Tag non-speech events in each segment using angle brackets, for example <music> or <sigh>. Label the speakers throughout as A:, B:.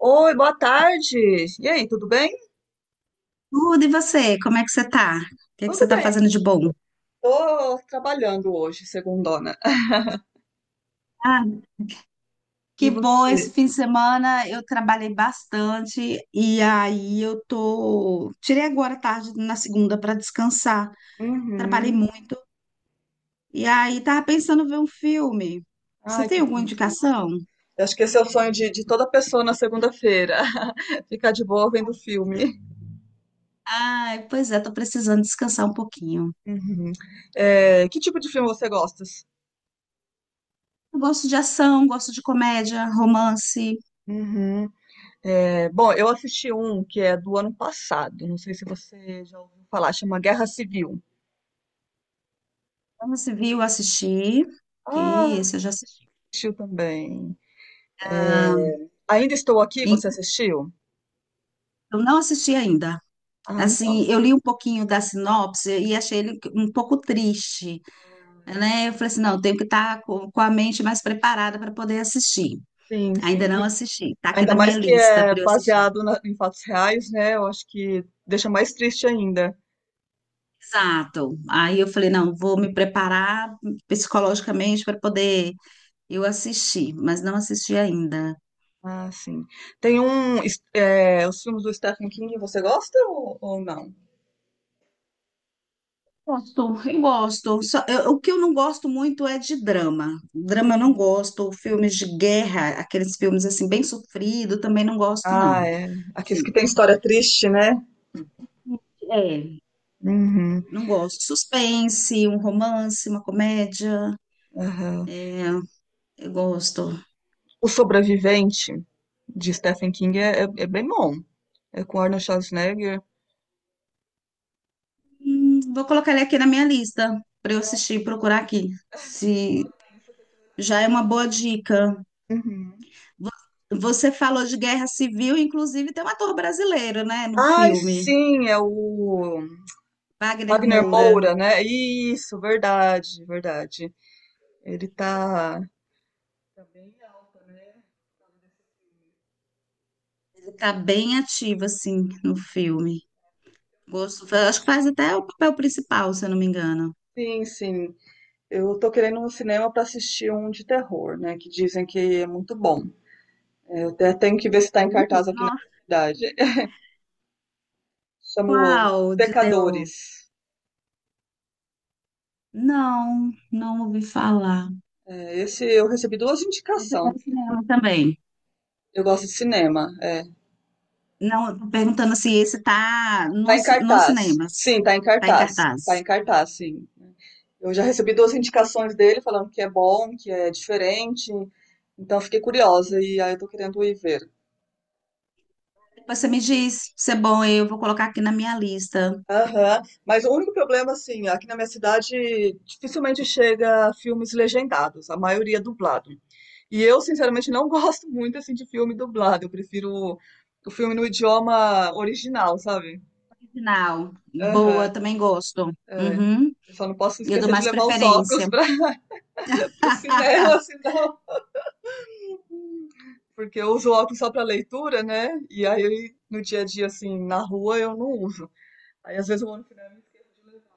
A: Oi, boa tarde. E aí, tudo bem?
B: Tudo, e você? Como é que você tá? O que é que
A: Tudo
B: você tá
A: bem.
B: fazendo de bom?
A: Tô trabalhando hoje, segundona.
B: Ah,
A: E
B: que bom, esse
A: você?
B: fim de semana eu trabalhei bastante e aí eu tô. Tirei agora à tarde na segunda para descansar. Trabalhei
A: Uhum.
B: muito e aí tava pensando em ver um filme. Você
A: Ai,
B: tem
A: que
B: alguma
A: delícia.
B: indicação?
A: Eu acho que esse é o sonho de toda pessoa na segunda-feira. <laughs> Ficar de boa vendo filme.
B: Ai, pois é, tô precisando descansar um pouquinho.
A: Uhum. É, que tipo de filme você gosta?
B: Eu gosto de ação, gosto de comédia, romance.
A: Uhum. É, bom, eu assisti um que é do ano passado. Não sei se você já ouviu falar. Chama Guerra Civil.
B: Como se viu, assisti. Ok,
A: Ah,
B: esse eu já assisti.
A: assistiu também.
B: Ah,
A: É, Ainda Estou Aqui,
B: e-
A: você assistiu?
B: eu não assisti ainda.
A: Ah,
B: Assim,
A: então.
B: eu li um pouquinho da sinopse e achei ele um pouco triste, né? Eu falei assim, não, eu tenho que estar com a mente mais preparada para poder assistir.
A: Sim,
B: Ainda
A: sim.
B: não
A: E
B: assisti, está aqui
A: ainda
B: na
A: mais
B: minha
A: que
B: lista
A: é
B: para eu assistir.
A: baseado em fatos reais, né? Eu acho que deixa mais triste ainda.
B: Exato. Aí eu falei, não, vou me preparar psicologicamente para poder eu assistir, mas não assisti ainda.
A: Ah, sim. Tem um. Os filmes do Stephen King, você gosta ou não?
B: Gosto, eu gosto. O que eu não gosto muito é de drama. Drama eu não gosto, filmes de guerra, aqueles filmes assim bem sofrido, também não gosto,
A: Ah,
B: não.
A: é. Aqueles que têm história triste, né?
B: É,
A: Uhum,
B: não gosto. Suspense, um romance, uma comédia,
A: aham.
B: eu gosto.
A: O Sobrevivente de Stephen King é bem bom. É com Arnold Schwarzenegger.
B: Vou colocar ele aqui na minha lista para eu assistir e procurar aqui. Se já é uma boa dica.
A: Uhum.
B: Vo- Você falou de guerra civil, inclusive tem um ator brasileiro, né, no
A: Ai,
B: filme,
A: sim, é o
B: Wagner
A: Wagner
B: Moura.
A: Moura, né? Isso, verdade, verdade. Ele tá. Tá bem alta, né?
B: Ele tá bem ativo assim no filme. Gosto, acho que faz até o papel principal, se eu não me engano.
A: Sim, sim. Eu tô querendo um cinema para assistir um de terror, né? Que dizem que é muito bom. É, eu até tenho que ver se tá em cartaz aqui na
B: Nossa,
A: minha cidade. <laughs> Chamo
B: qual de terror?
A: Pecadores.
B: Não, não ouvi falar.
A: É, esse eu recebi duas
B: Eu fui
A: indicações.
B: ao cinema também.
A: Eu gosto de cinema. É.
B: Não, tô perguntando se esse tá
A: Tá
B: no,
A: em
B: ci- nos
A: cartaz.
B: cinemas.
A: Sim, tá em
B: Tá em
A: cartaz. Tá em
B: cartaz.
A: cartaz, sim. Eu já recebi duas indicações dele falando que é bom, que é diferente. Então fiquei curiosa e aí eu tô querendo ir ver.
B: Depois você me diz se é bom, eu vou colocar aqui na minha lista.
A: Aham. Mas o único problema, assim, aqui na minha cidade dificilmente chega filmes legendados, a maioria é dublado. E eu, sinceramente, não <laughs> gosto muito, assim, de filme dublado. Eu prefiro o filme no idioma original, sabe?
B: Final. Boa,
A: Aham,
B: também gosto.
A: é.
B: Uhum.
A: Eu só não posso
B: Eu dou
A: esquecer de
B: mais
A: levar os óculos
B: preferência,
A: para o <laughs> cinema, senão. Porque eu uso óculos só para leitura, né? E aí, no dia a dia, assim, na rua, eu não uso. Aí, às vezes, eu vou no cinema e esqueço de levar.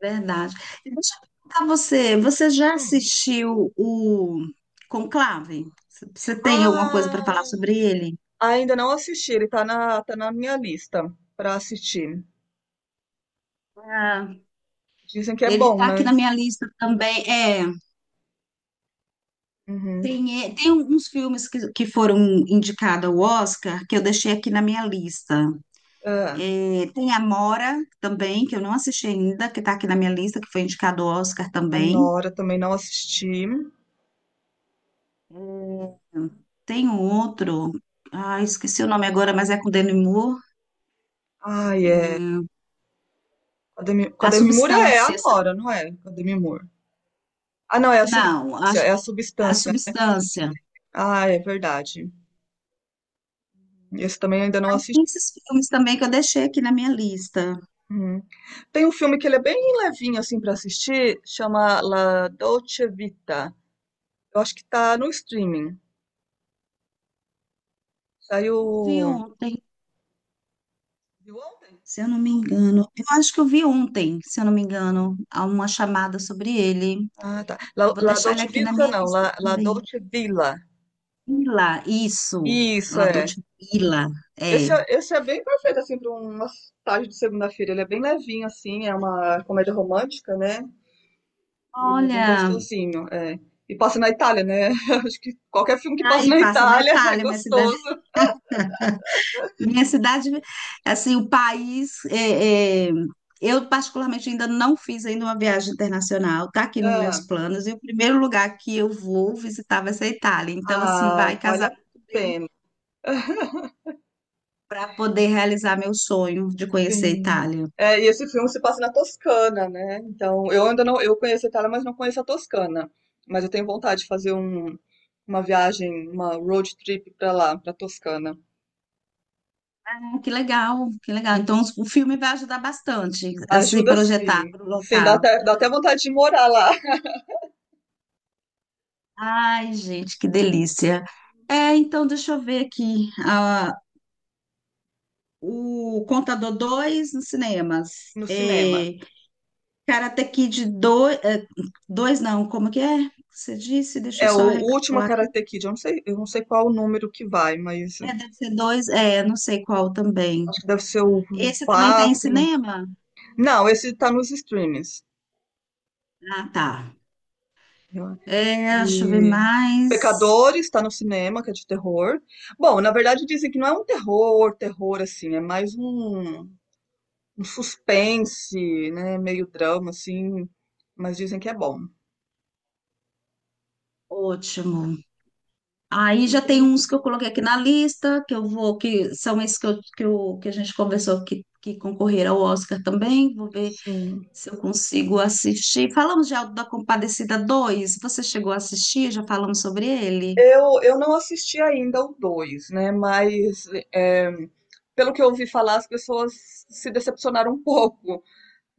B: verdade. E deixa eu perguntar a você, você já assistiu o Conclave? Você tem alguma coisa para falar
A: Ah,
B: sobre ele?
A: ainda não assisti, ele tá na minha lista pra assistir.
B: Ah,
A: Dizem que é
B: ele
A: bom,
B: tá aqui
A: né?
B: na minha lista também. É.
A: Uhum.
B: Tem, é, tem uns filmes que foram indicados ao Oscar que eu deixei aqui na minha lista.
A: É,
B: É, tem Amora também, que eu não assisti ainda, que está aqui na minha lista, que foi indicado ao Oscar
A: a
B: também.
A: Nora também não assisti.
B: Hum, Tem um outro, ah, esqueci o nome agora, mas é com Demi Moore.
A: Ai, é.
B: Hum,
A: Com a Demi com a
B: A
A: Demi Moore é a
B: Substância,
A: Nora, não é? Com a Demi Moore. Ah, não,
B: não,
A: é a
B: a
A: substância, né?
B: Substância.
A: Ah, é verdade. Esse também ainda não
B: Tem
A: assisti.
B: esses filmes também que eu deixei aqui na minha lista.
A: Uhum. Tem um filme que ele é bem levinho assim pra assistir, chama La Dolce Vita. Eu acho que tá no streaming. Saiu.
B: Eu vi ontem.
A: Viu ontem?
B: Se eu não me engano, eu acho que eu vi ontem, se eu não me engano, há uma chamada sobre ele.
A: Ah, tá. La,
B: Vou
A: La
B: deixar ele
A: Dolce
B: aqui na
A: Vita,
B: minha
A: não. La,
B: lista
A: La
B: também.
A: Dolce Villa.
B: Ila, isso.
A: Isso,
B: La
A: é.
B: Dolce Villa,
A: Esse,
B: é.
A: é. Esse é bem perfeito, assim, para uma tarde de segunda-feira. Ele é bem levinho, assim. É uma comédia romântica, né? E é bem
B: Olha,
A: gostosinho, é. E passa na Itália, né? <laughs> Acho que qualquer filme que passa
B: aí
A: na
B: passa na
A: Itália <laughs> é
B: Itália, minha cidade.
A: gostoso.
B: Minha cidade, assim, o país. É, é, eu, particularmente, ainda não fiz ainda uma viagem internacional, está aqui nos meus
A: Ah,
B: planos, e o primeiro lugar que eu vou visitar vai ser a Itália. Então, assim,
A: ah,
B: vai
A: vale
B: casar
A: a
B: muito bem
A: pena.
B: para poder realizar meu sonho de conhecer a
A: Sim.
B: Itália.
A: É, e esse filme se passa na Toscana, né? Então, eu ainda não, eu conheço a Itália, mas não conheço a Toscana. Mas eu tenho vontade de fazer uma viagem, uma road trip pra lá, pra Toscana.
B: Ah, que legal, que legal. Então,
A: Uhum.
B: o filme vai ajudar bastante a se
A: Ajuda
B: projetar
A: sim.
B: para o
A: Sim, dá
B: local.
A: até, dá até vontade de morar lá <laughs>
B: Ai, gente, que delícia. É, então, deixa eu ver aqui. Ah, o Contador 2 nos cinemas.
A: no
B: É,
A: cinema.
B: Karate Kid 2, é, dois não, como que é? Você disse? Deixa
A: É
B: eu
A: o,
B: só
A: o último
B: recapitular aqui.
A: Karate Kid, eu não sei qual o número que vai, mas
B: É, deve ser dois, é, não sei qual também.
A: acho que deve ser o
B: Esse também tem em
A: 4.
B: cinema?
A: Não, esse tá nos streamings.
B: Ah, tá.
A: Eu-
B: É, deixa eu ver
A: E
B: mais.
A: Pecadores está no cinema, que é de terror. Bom, na verdade dizem que não é um terror, terror assim, é mais um suspense, né, meio drama assim, mas dizem que é bom.
B: Ótimo. Aí já tem
A: E
B: uns que eu coloquei aqui na lista, que eu vou, que são esses que a gente conversou que concorreram ao Oscar também. Vou ver
A: sim,
B: se eu consigo assistir. Falamos de Auto da Compadecida dois. Você chegou a assistir? Já falamos sobre ele?
A: eu não assisti ainda o 2, né, mas é, pelo que eu ouvi falar, as pessoas se decepcionaram um <laughs> pouco,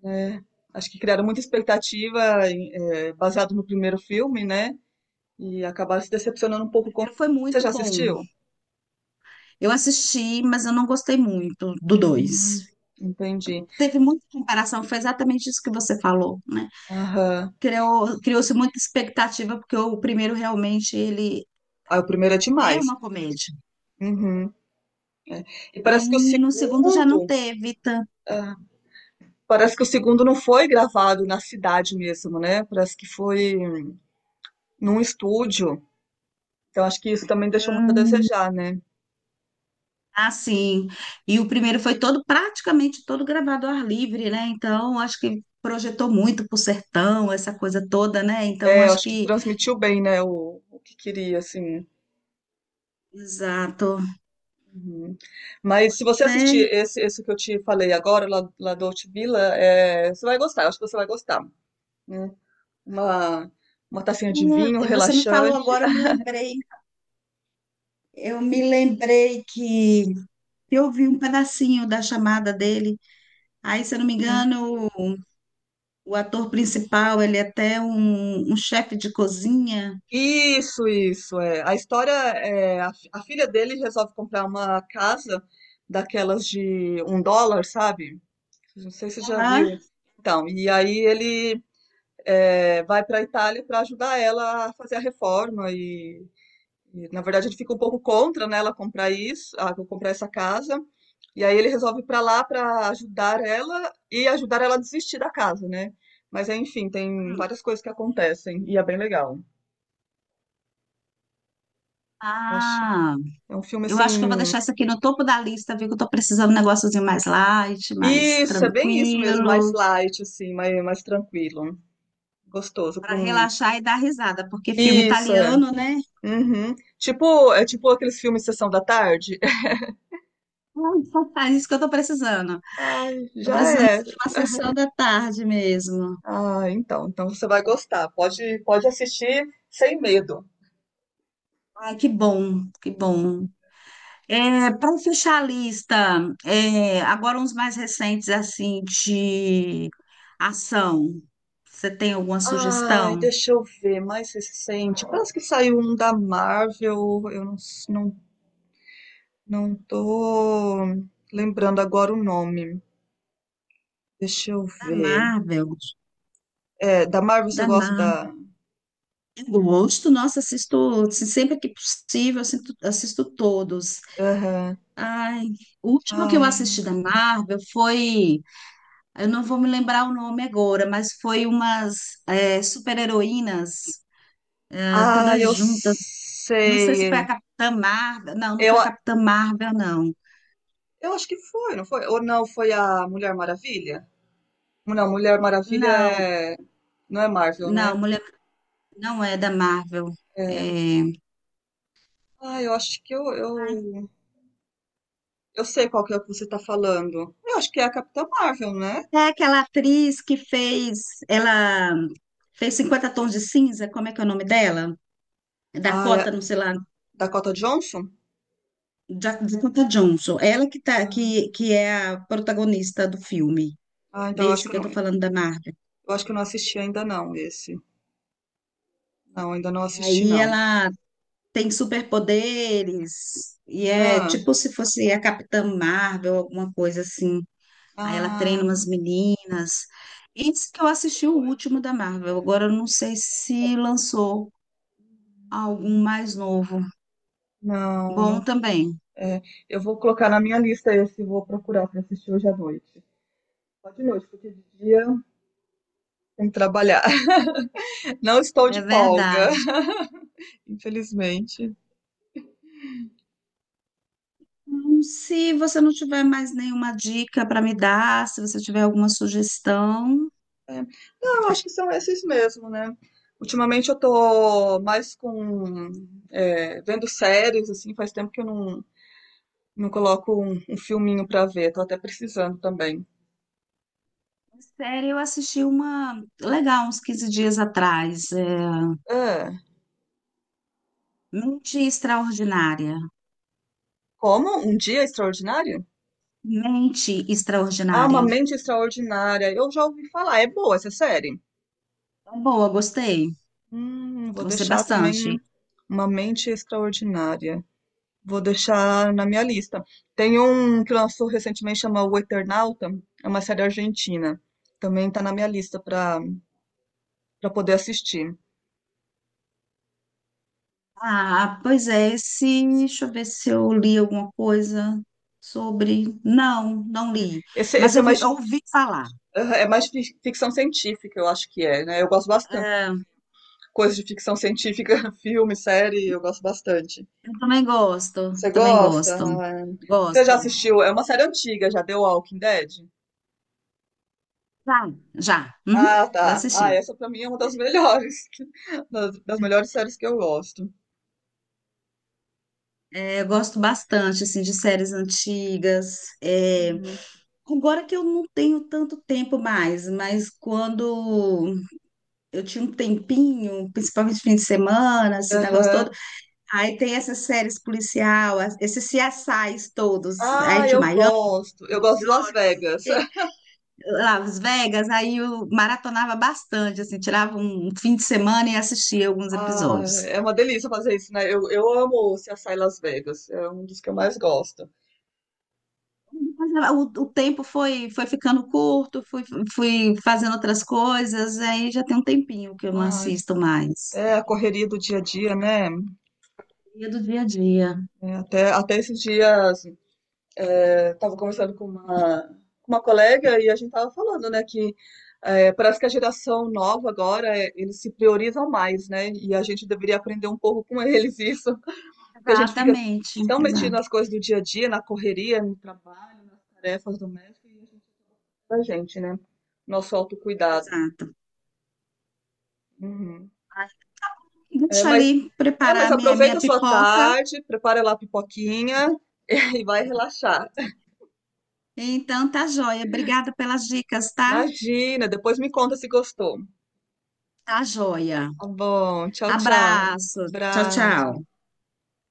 A: né? Acho que criaram muita expectativa baseado no primeiro filme, né? E acabaram se decepcionando um pouco com o
B: Primeiro foi
A: filme. Você
B: muito
A: já
B: bom.
A: assistiu?
B: Eu assisti, mas eu não gostei muito do dois.
A: Hum, Entendi.
B: Teve muita comparação, foi exatamente isso que você falou, né?
A: Aham.
B: Criou, criou-se muita expectativa, porque o primeiro realmente ele
A: Ah, o primeiro é
B: é
A: demais,
B: uma comédia.
A: né? Uhum. E
B: E no segundo já não teve tanto.
A: ah, parece que o segundo não foi gravado na cidade mesmo, né? Parece que foi num estúdio. Então acho que isso também deixou muito a
B: Hum,
A: desejar, né?
B: assim. E o primeiro foi todo, praticamente todo gravado ao ar livre, né? Então, acho que projetou muito pro sertão, essa coisa toda, né? Então,
A: É,
B: acho
A: acho que
B: que.
A: transmitiu bem, né? O que queria, assim.
B: Exato.
A: Uhum. Mas se você assistir
B: Mas
A: esse, esse que eu te falei agora, La Dolce Villa, é, você vai gostar. Eu acho que você vai gostar, né? Uma, uma tacinha de vinho
B: é, é, você me falou
A: relaxante.
B: agora, eu me lembrei. Eu me lembrei que eu ouvi um pedacinho da chamada dele. Aí, se eu não me
A: Uhum.
B: engano, o ator principal, ele é até um chefe de cozinha.
A: Isso, é. A história é, a filha dele resolve comprar uma casa daquelas de um dólar, sabe? Não sei se você já
B: Aham.
A: viu. Então, e aí ele vai para a Itália para ajudar ela a fazer a reforma E, na verdade, ele fica um pouco contra, né, ela comprar essa casa. E aí ele resolve ir pra lá pra ajudar ela e ajudar ela a desistir da casa, né? Mas enfim, tem
B: Hum.
A: várias coisas que acontecem e é bem legal. Eu acho.
B: Ah,
A: É um filme
B: eu acho que eu vou
A: assim.
B: deixar isso aqui no topo da lista, viu? Que eu tô precisando de um negóciozinho mais light, mais
A: Isso, é bem isso mesmo, mais
B: tranquilo,
A: light, assim, mais tranquilo. Gostoso pra
B: para
A: um.
B: relaxar e dar risada, porque filme
A: Isso, é.
B: italiano, né?
A: Uhum. Tipo aqueles filmes Sessão da Tarde. <laughs>
B: <laughs> É isso que eu tô precisando.
A: Ai,
B: Tô
A: já
B: precisando
A: é.
B: de uma sessão da tarde mesmo.
A: Ah, então você vai gostar. Pode assistir sem medo.
B: Ai, que bom, que bom. É, para fechar a lista, é, agora uns mais recentes, assim, de ação. Você tem alguma
A: Ai,
B: sugestão?
A: deixa eu ver, mais recente. Parece que saiu um da Marvel, eu não, s- não, não tô lembrando agora o nome. Deixa eu
B: Da
A: ver.
B: Marvel,
A: É, da Marvel você
B: da
A: gosta
B: Marvel.
A: da.
B: Eu gosto, nossa, assisto assim, sempre que possível, assisto, assisto todos.
A: Aham.
B: Ai, o último que eu
A: Ai.
B: assisti da Marvel foi, eu não vou me lembrar o nome agora, mas foi umas é, super-heroínas, ah,
A: Ah,
B: todas
A: eu
B: juntas. Não sei se foi a
A: sei.
B: Capitã Marvel, não, não foi
A: Eu,
B: a
A: a-
B: Capitã Marvel, não.
A: eu acho que foi, não foi? Ou não, foi a Mulher Maravilha? Não, Mulher Maravilha
B: Não,
A: não é Marvel, né?
B: não, mulher não é da Marvel.
A: É,
B: É,
A: ah, eu acho que eu sei qual que é o que você tá falando. Eu acho que é a Capitã Marvel, né?
B: é aquela atriz que fez, ela fez Cinquenta Tons de Cinza, como é que é o nome dela?
A: Ah, é a
B: Dakota, não sei lá,
A: Dakota Johnson?
B: Dakota Johnson. Ela que tá, que é a protagonista do filme,
A: Ah, então
B: desse que eu tô
A: eu
B: falando da Marvel.
A: acho que eu não assisti ainda não esse. Não, ainda não assisti
B: Aí
A: não.
B: ela tem superpoderes e é
A: Ah,
B: tipo se fosse a Capitã Marvel, alguma coisa assim. Aí ela treina
A: ah,
B: umas meninas. Esse que eu assisti o último da Marvel. Agora eu não sei se lançou algum mais novo.
A: não,
B: Bom
A: não.
B: também.
A: É, eu vou colocar na minha lista esse, e vou procurar pra assistir hoje à noite. Só de noite, porque de dia tem que trabalhar. <laughs> Não estou
B: É
A: de folga,
B: verdade.
A: <laughs> infelizmente.
B: Se você não tiver mais nenhuma dica para me dar, se você tiver alguma sugestão,
A: É. Não, eu acho que são esses mesmo, né? Ultimamente eu tô mais com vendo séries, assim, faz tempo que eu não coloco um filminho pra ver, tô até precisando também.
B: série eu assisti uma legal uns 15 dias atrás. É,
A: É.
B: Mente Extraordinária.
A: Como? Um Dia Extraordinário?
B: Mente
A: Ah, Uma
B: Extraordinária.
A: Mente Extraordinária. Eu já ouvi falar, é boa essa série.
B: Boa, gostei.
A: Vou
B: Gostei
A: deixar também
B: bastante.
A: Uma Mente Extraordinária. Vou deixar na minha lista. Tem um que lançou recentemente, chama O Eternauta, é uma série argentina. Também está na minha lista para poder assistir.
B: Ah, pois é, esse, deixa eu ver se eu li alguma coisa sobre. Não, não li,
A: Esse,
B: mas
A: esse é
B: eu ouvi falar.
A: é mais de ficção científica, eu acho que é, né? Eu gosto bastante.
B: É,
A: Coisas de ficção científica, <laughs> filme, série, eu gosto bastante.
B: eu
A: Você
B: também
A: gosta?
B: gosto,
A: Ah, você já
B: gosto.
A: assistiu? É uma série antiga, já deu Walking Dead?
B: Já, já, uhum,
A: Ah,
B: já
A: tá. Ah,
B: assisti.
A: essa pra mim é uma das melhores, <laughs> das melhores séries que eu gosto.
B: É, eu gosto bastante, assim, de séries antigas. É,
A: Uhum.
B: agora que eu não tenho tanto tempo mais, mas quando eu tinha um tempinho, principalmente fim de semana, esses negócios.
A: Aham.
B: Aí tem essas séries policial, esses CSIs todos, aí
A: Ah,
B: tinha o
A: eu
B: Miami,
A: gosto. Eu gosto de Las Vegas. <laughs>
B: Las Vegas, aí eu maratonava bastante, assim, tirava um fim de semana e assistia alguns
A: Ah,
B: episódios.
A: é uma delícia fazer isso, né? Eu amo o CSI Las Vegas. É um dos que eu mais gosto.
B: Mas ah, o tempo foi, foi ficando curto, fui, fui fazendo outras coisas, aí já tem um tempinho que eu não
A: Ai,
B: assisto mais.
A: é a correria do dia a dia, né?
B: Dia do dia a dia.
A: É, até esses dias, tava conversando com uma colega e a gente tava falando, né, que parece que a geração nova agora, eles se priorizam mais, né? E a gente deveria aprender um pouco com <laughs> eles isso, porque a gente fica
B: Exatamente,
A: tão metido
B: exato,
A: nas coisas do dia a dia, na correria, no trabalho, nas tarefas domésticas, e a gente pra gente, né? Nosso autocuidado.
B: exato.
A: Uhum. É,
B: Deixa eu
A: mas,
B: ali
A: mas
B: preparar minha,
A: aproveita
B: minha
A: a sua
B: pipoca.
A: tarde, prepara lá a pipoquinha <laughs> e vai relaxar.
B: Então tá joia. Obrigada pelas dicas, tá?
A: Imagina, depois me conta se gostou.
B: Tá joia.
A: Tá bom, tchau, tchau.
B: Abraço. Tchau,
A: Abraço.
B: tchau.